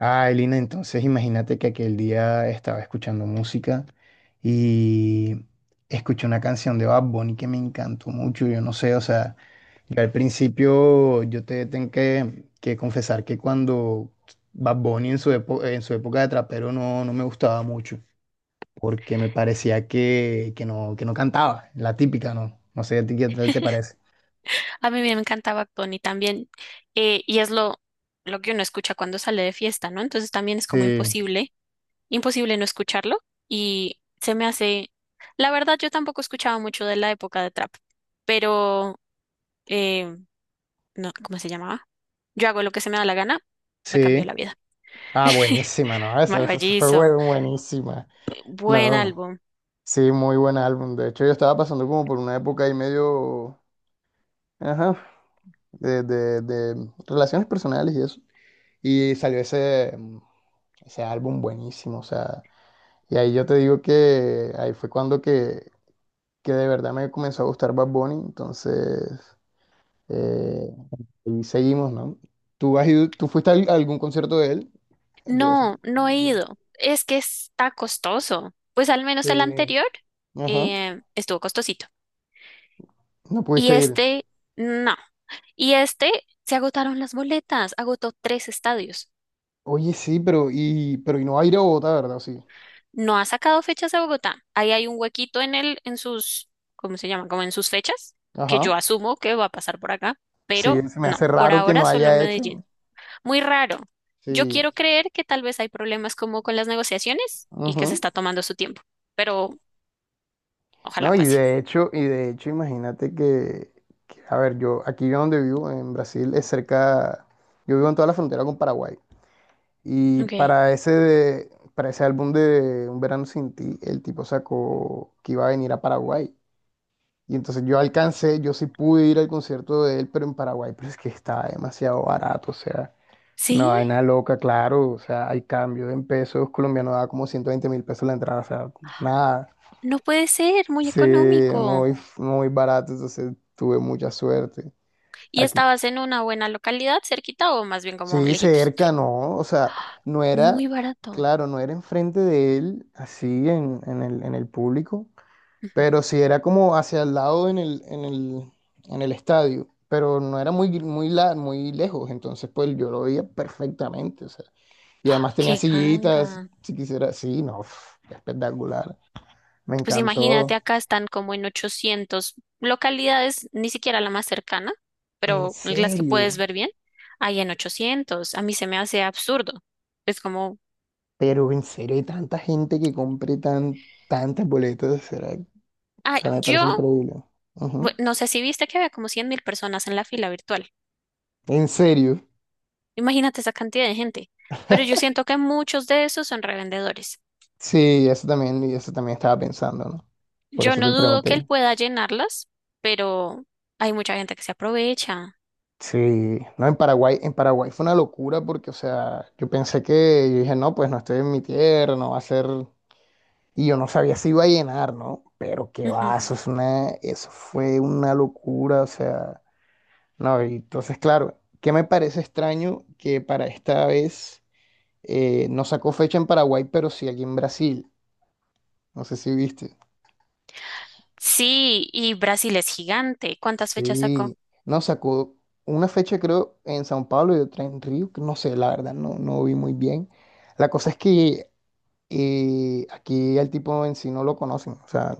Ah, Elina, entonces imagínate que aquel día estaba escuchando música y escuché una canción de Bad Bunny que me encantó mucho. Yo no sé, o sea, yo al principio yo te tengo que confesar que cuando Bad Bunny en su época de trapero no me gustaba mucho porque me parecía que que no cantaba, la típica, ¿no? No sé, ¿a ti qué tal te parece? A mí me encantaba Tony también, y es lo que uno escucha cuando sale de fiesta, ¿no? Entonces también es como Sí, imposible, imposible no escucharlo, y se me hace, la verdad yo tampoco escuchaba mucho de la época de trap, pero, eh, no, ¿cómo se llamaba? Yo hago lo que se me da la gana, me cambió sí. la vida. Ah, buenísima, ¿no? Esa fue Maravilloso, buenísima. buen No. álbum. Sí, muy buen álbum. De hecho, yo estaba pasando como por una época ahí medio, ajá, de relaciones personales y eso. Y salió ese álbum buenísimo, o sea, y ahí yo te digo que ahí fue cuando que de verdad me comenzó a gustar Bad Bunny, entonces, eh, y seguimos, ¿no? ¿Tú has ido, tú fuiste a algún concierto de él? De, No, no he ido, es que está costoso, pues al menos el de- anterior ajá, estuvo costosito. no Y pudiste ir. este, no. Y este, se agotaron las boletas, agotó tres estadios. Oye, sí, pero y no va a ir a Bogotá, ¿verdad? Sí. No ha sacado fechas de Bogotá. Ahí hay un huequito en sus, ¿cómo se llama? Como en sus fechas, que Ajá. yo asumo que va a pasar por acá, pero Sí, se me no, hace por raro que ahora no solo haya hecho, Medellín. ¿no? Muy raro. Yo Sí, quiero creer que tal vez hay problemas como con las negociaciones y que se ujú. está tomando su tiempo, pero ojalá No, y pase. de hecho, y de hecho, imagínate que, a ver, yo donde vivo, en Brasil, es cerca, yo vivo en toda la frontera con Paraguay. Y Ok. Para ese álbum de Un Verano Sin Ti, el tipo sacó que iba a venir a Paraguay. Y entonces yo alcancé, yo sí pude ir al concierto de él, pero en Paraguay, pero es que estaba demasiado barato, o sea. Una Sí, vaina loca, claro. O sea, hay cambio en pesos colombianos, da como 120.000 pesos la entrada. O sea, nada. no puede ser, muy Sí, económico. Muy barato. Entonces tuve mucha suerte ¿Y aquí. estabas en una buena localidad, cerquita o más bien como Sí, lejitos? cerca, ¿no? O sea, no Muy era, barato. claro, no era enfrente de él, así en el público, Ujú. pero sí era como hacia el lado en el estadio. Pero no era muy, muy, muy lejos. Entonces, pues yo lo veía perfectamente. O sea. Y además tenía Qué sillitas, ganga. si quisiera. Sí, no, uf, espectacular. Me Pues imagínate, encantó. acá están como en 800 localidades, ni siquiera la más cercana, En pero las que puedes serio. ver bien, hay en 800. A mí se me hace absurdo. Es como, Pero en serio, hay tanta gente que compre tantas boletas. O ah, sea, me parece yo, increíble. Ujú. no sé si viste que había como 100.000 personas en la fila virtual. En serio. Imagínate esa cantidad de gente. Pero yo siento que muchos de esos son revendedores. Sí, eso también, y eso también estaba pensando, ¿no? Por Yo eso te no dudo pregunté. que él pueda llenarlas, pero hay mucha gente que se aprovecha. Sí, no, en Paraguay fue una locura porque, o sea, yo dije, no, pues no estoy en mi tierra, no va a ser. Y yo no sabía si iba a llenar, ¿no? Pero qué Ujú. va, eso fue una locura, o sea, no, y entonces, claro, ¿qué me parece extraño que para esta vez no sacó fecha en Paraguay, pero sí aquí en Brasil? No sé si viste. Sí, y Brasil es gigante. ¿Cuántas fechas sacó? Sí, no, sacó una fecha creo en Sao Paulo y otra en Río, que no sé, la verdad, no vi muy bien. La cosa es que aquí al tipo en sí no lo conocen, o sea,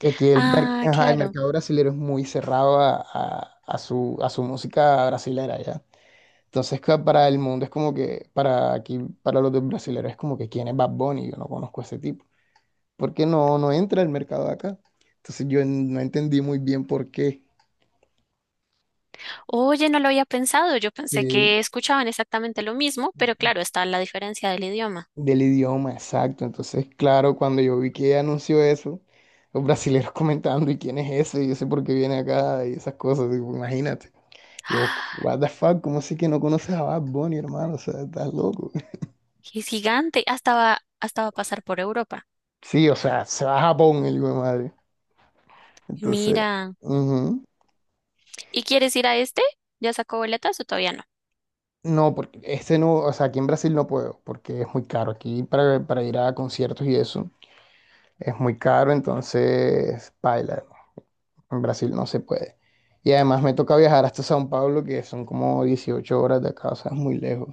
y aquí Ah, ajá, el claro. mercado brasilero es muy cerrado a su música brasilera, ¿ya? Entonces, para el mundo es como que, para aquí, para los brasileros es como que, ¿quién es Bad Bunny? Yo no conozco a ese tipo. ¿Por qué no entra al mercado de acá? Entonces, no entendí muy bien por qué. Oye, no lo había pensado. Yo pensé Sí, que escuchaban exactamente lo mismo, pero claro, está la diferencia del idioma. del idioma, exacto. Entonces, claro, cuando yo vi que anunció eso, los brasileros comentando, ¿y quién es ese? Y yo sé por qué viene acá y esas cosas, digo, imagínate. Yo, ¡Ah! what the fuck, ¿cómo así que no conoces a Bad Bunny, hermano? O sea, estás loco. Es gigante. Hasta va a pasar por Europa. Sí, o sea, se va a Japón el hijo de madre. Entonces, Mira. ujú. ¿Y quieres ir a este? ¿Ya sacó boletas o todavía no? No, porque este no, o sea, aquí en Brasil no puedo, porque es muy caro. Aquí para ir a conciertos y eso es muy caro, entonces, paila, en Brasil no se puede. Y además me toca viajar hasta Sao Paulo, que son como 18 horas de acá, o sea, es muy lejos.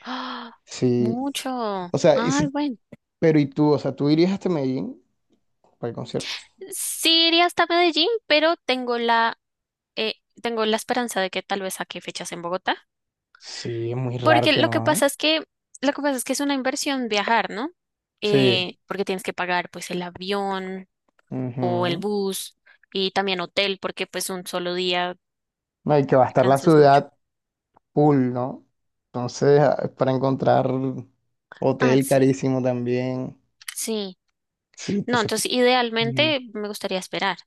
¡Ah! Sí, Mucho. o sea, Ay, bueno. pero ¿y tú? O sea, ¿tú irías hasta Medellín para el concierto? Sí iría hasta Medellín, pero eh, tengo la esperanza de que tal vez saque fechas en Bogotá, Sí, es muy raro porque que no, ¿no? Lo que pasa es que es una inversión viajar, ¿no? Sí. Porque tienes que pagar pues el avión o el Ujú. bus y también hotel, porque pues un solo día No, y que va a te estar la cansas mucho. ciudad full, ¿no? Entonces, ah, para encontrar Ah, hotel sí, carísimo también. sí. Sí, No, entonces, entonces ujú, idealmente me gustaría esperar,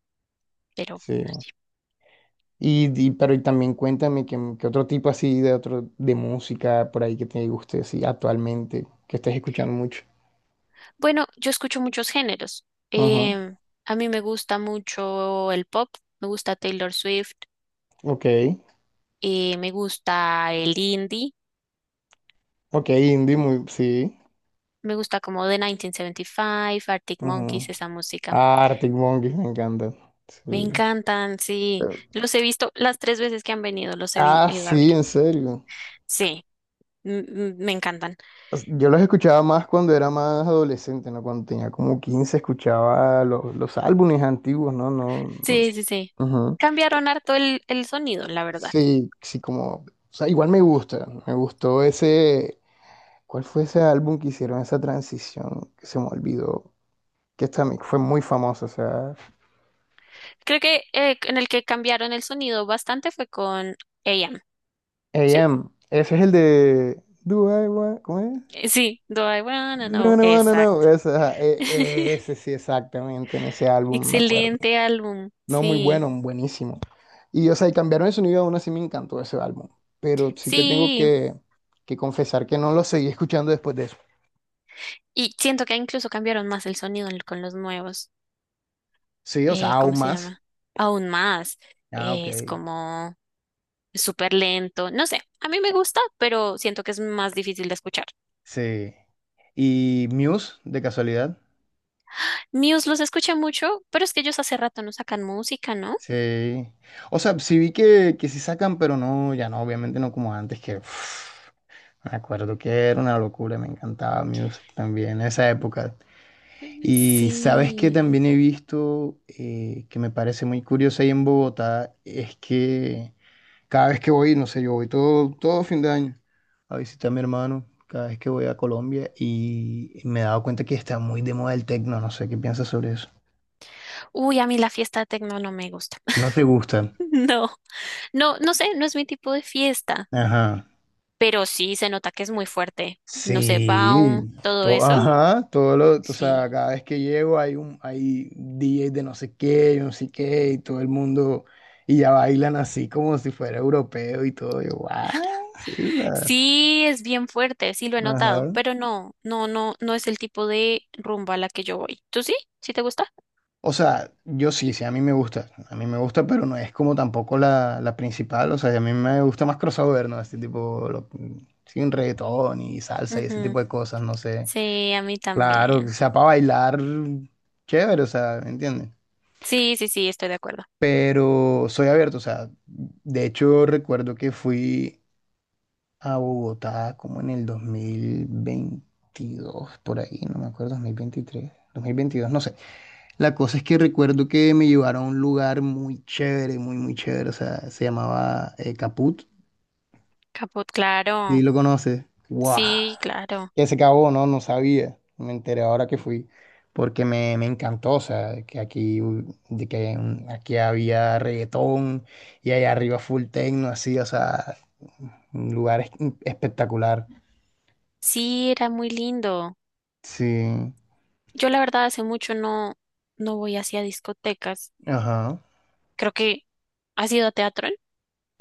pero sí. no sé. Pero y también cuéntame que otro tipo así de otro de música por ahí que te guste así actualmente, que estés escuchando mucho. Bueno, yo escucho muchos géneros. Ujú, Em, a mí me gusta mucho el pop, me gusta Taylor Swift, ok. Me gusta el indie. Ok, indie muy, sí. Me gusta como The 1975, Arctic Ujú. Monkeys, esa música. Ah, Arctic Monkeys me encanta. Me Sí. encantan, Eh, sí. Los he visto las tres veces que han venido, los he Ah, ido a ver. sí, en serio. Sí, me encantan. O sea, yo los escuchaba más cuando era más adolescente, ¿no? Cuando tenía como 15 escuchaba los álbumes antiguos, ¿no? No, sí. Sí, sí, sí. Ujú. Cambiaron harto el sonido, la verdad. Sí, sí, como, o sea, igual me gusta, me gustó ese, ¿cuál fue ese álbum que hicieron esa transición que se me olvidó? Que fue muy famosa, o sea, Creo que en el que cambiaron el sonido bastante fue con A M. ¿Sí? AM, ese es el de, Do I want, ¿cómo es? Sí, Do I Wanna No, Know. no, no, no, no, Exacto. ese, ajá, ese sí, exactamente, en ese álbum me. Excelente álbum, No, muy sí. bueno, buenísimo. Y, o sea, y cambiaron el sonido, aún así me encantó ese álbum. Pero sí te tengo Sí. que confesar que no lo seguí escuchando después de eso. Y siento que incluso cambiaron más el sonido con los nuevos. Sí, o sea, ¿Cómo aún se más. llama? Aún más. Ah, ok. Es como súper lento. No sé, a mí me gusta, pero siento que es más difícil de escuchar. Sí. ¿Y Muse, de casualidad? Muse los escuché mucho, pero es que ellos hace rato no sacan música, ¿no? Sí. O sea, sí vi que sí sacan, pero no, ya no, obviamente no como antes, que uf, me acuerdo que era una locura, me encantaba Muse también, esa época. Mm, Y sabes que sí. también he visto que me parece muy curioso ahí en Bogotá, es que cada vez que voy, no sé, yo voy todo, todo fin de año a visitar a mi hermano, cada vez que voy a Colombia y me he dado cuenta que está muy de moda el tecno, no sé qué piensas sobre eso. Uy, a mí la fiesta de tecno no me gusta. No te gusta. No, no, no sé, no es mi tipo de fiesta, Ajá. pero sí se nota que es muy fuerte. No sé, Baum, Sí, todo todo, eso, ajá, todo lo, o sea, sí. cada vez que llego hay DJ de no sé qué, yo no sé qué, y todo el mundo, y ya bailan así como si fuera europeo y todo, yo, "What?". Sí, o sea, Sí, es bien fuerte, sí lo he notado, ajá. pero no, no, no, no es el tipo de rumba a la que yo voy. ¿Tú sí? ¿Sí te gusta? O sea, yo sí, sí, a mí me gusta, a mí me gusta, pero no es como tampoco la principal, o sea, a mí me gusta más crossover, ¿no? Este tipo, sin reggaetón y salsa y ese Ujú. tipo de cosas, no sé. Sí, a mí Claro, que también. sea para bailar, chévere, o sea, ¿me entiendes? Sí, sí, sí, estoy de acuerdo. Pero soy abierto, o sea, de hecho recuerdo que fui a Bogotá como en el 2022, por ahí, no me acuerdo, 2023, 2022, no sé. La cosa es que recuerdo que me llevaron a un lugar muy chévere, muy, muy chévere, o sea, se llamaba Caput, Caput, ¿sí claro. lo conoces? ¡Wow! Sí, claro. Que se acabó, no, no sabía. Me enteré ahora que fui, porque me encantó, o sea, que aquí, u- de que mm, aquí había reggaetón y allá arriba full techno, así, o sea, un lugar espectacular. Sí, era muy lindo. Sí, Yo la verdad hace mucho no, no voy hacia discotecas. ajá. Creo que ¿has ido a Teatrón?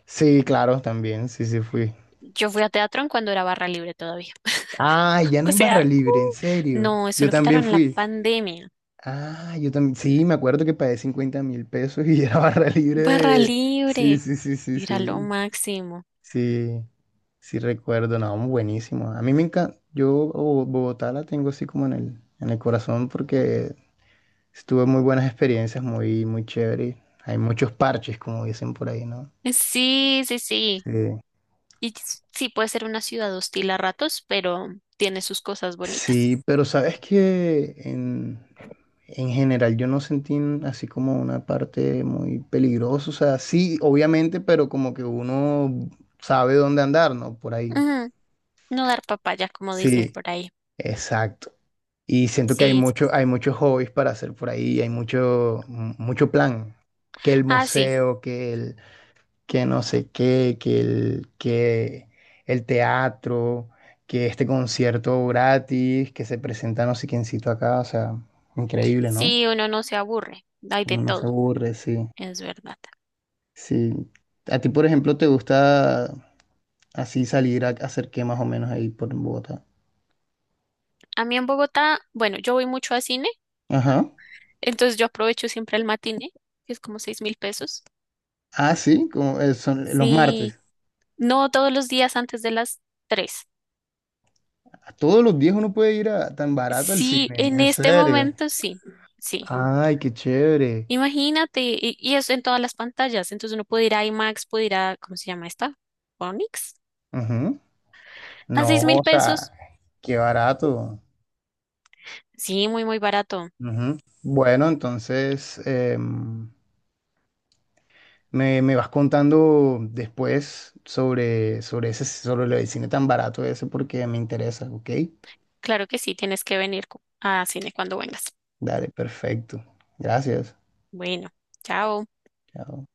Sí, claro, también, sí, sí fui. Yo fui a Teatrón cuando era barra libre todavía. Ah, ya no O es barra sea, libre, en serio. no, eso Yo lo también quitaron en la fui. pandemia. Ah, yo también, sí, me acuerdo que pagué 50.000 pesos y era barra libre Barra de... Sí, libre. sí, sí, sí, Mira lo sí. máximo. Sí, sí recuerdo, no, buenísimo. A mí me encanta, yo Bogotá la tengo así como en el corazón porque estuve muy buenas experiencias, muy, muy chévere. Hay muchos parches, como dicen por ahí, ¿no? Sí, sí, sí. Sí. Y sí puede ser una ciudad hostil a ratos, pero tiene sus cosas bonitas. Sí, pero sabes que en general yo no sentí así como una parte muy peligrosa, o sea, sí, obviamente, pero como que uno sabe dónde andar, ¿no? Por ahí. Ujú, no dar papaya, como dicen Sí, por ahí. exacto. Y siento que hay Sí, sí. mucho, hay muchos hobbies para hacer por ahí, hay mucho plan. Que el Ah, sí. museo, que no sé qué, que el teatro, que este concierto gratis, que se presenta no sé quiéncito acá, o sea, increíble, ¿no? Sí, uno no se aburre. Hay de Uno no se todo. aburre, sí. Es verdad. Sí. A ti, por ejemplo, te gusta así salir a hacer qué más o menos ahí por Bogotá. A mí en Bogotá, bueno, yo voy mucho a cine, Ajá. entonces yo aprovecho siempre el matiné, que es como 6.000 pesos. Ah, sí, como son los Sí. martes. No todos los días antes de las tres. A todos los días uno puede ir a, tan barato al Sí, cine, en en este serio. momento sí. Sí. Ay, qué chévere. Imagínate, y es en todas las pantallas. Entonces uno puede ir a IMAX, puede ir a, ¿cómo se llama esta? Onix. Ujú. A No, seis mil o sea, pesos. qué barato. Sí, muy, muy barato. Ujú. Bueno, entonces em, me vas contando después sobre el cine tan barato ese porque me interesa, ¿ok? Claro que sí, tienes que venir a cine cuando vengas. Dale, perfecto. Gracias. Bueno, chao. Chao.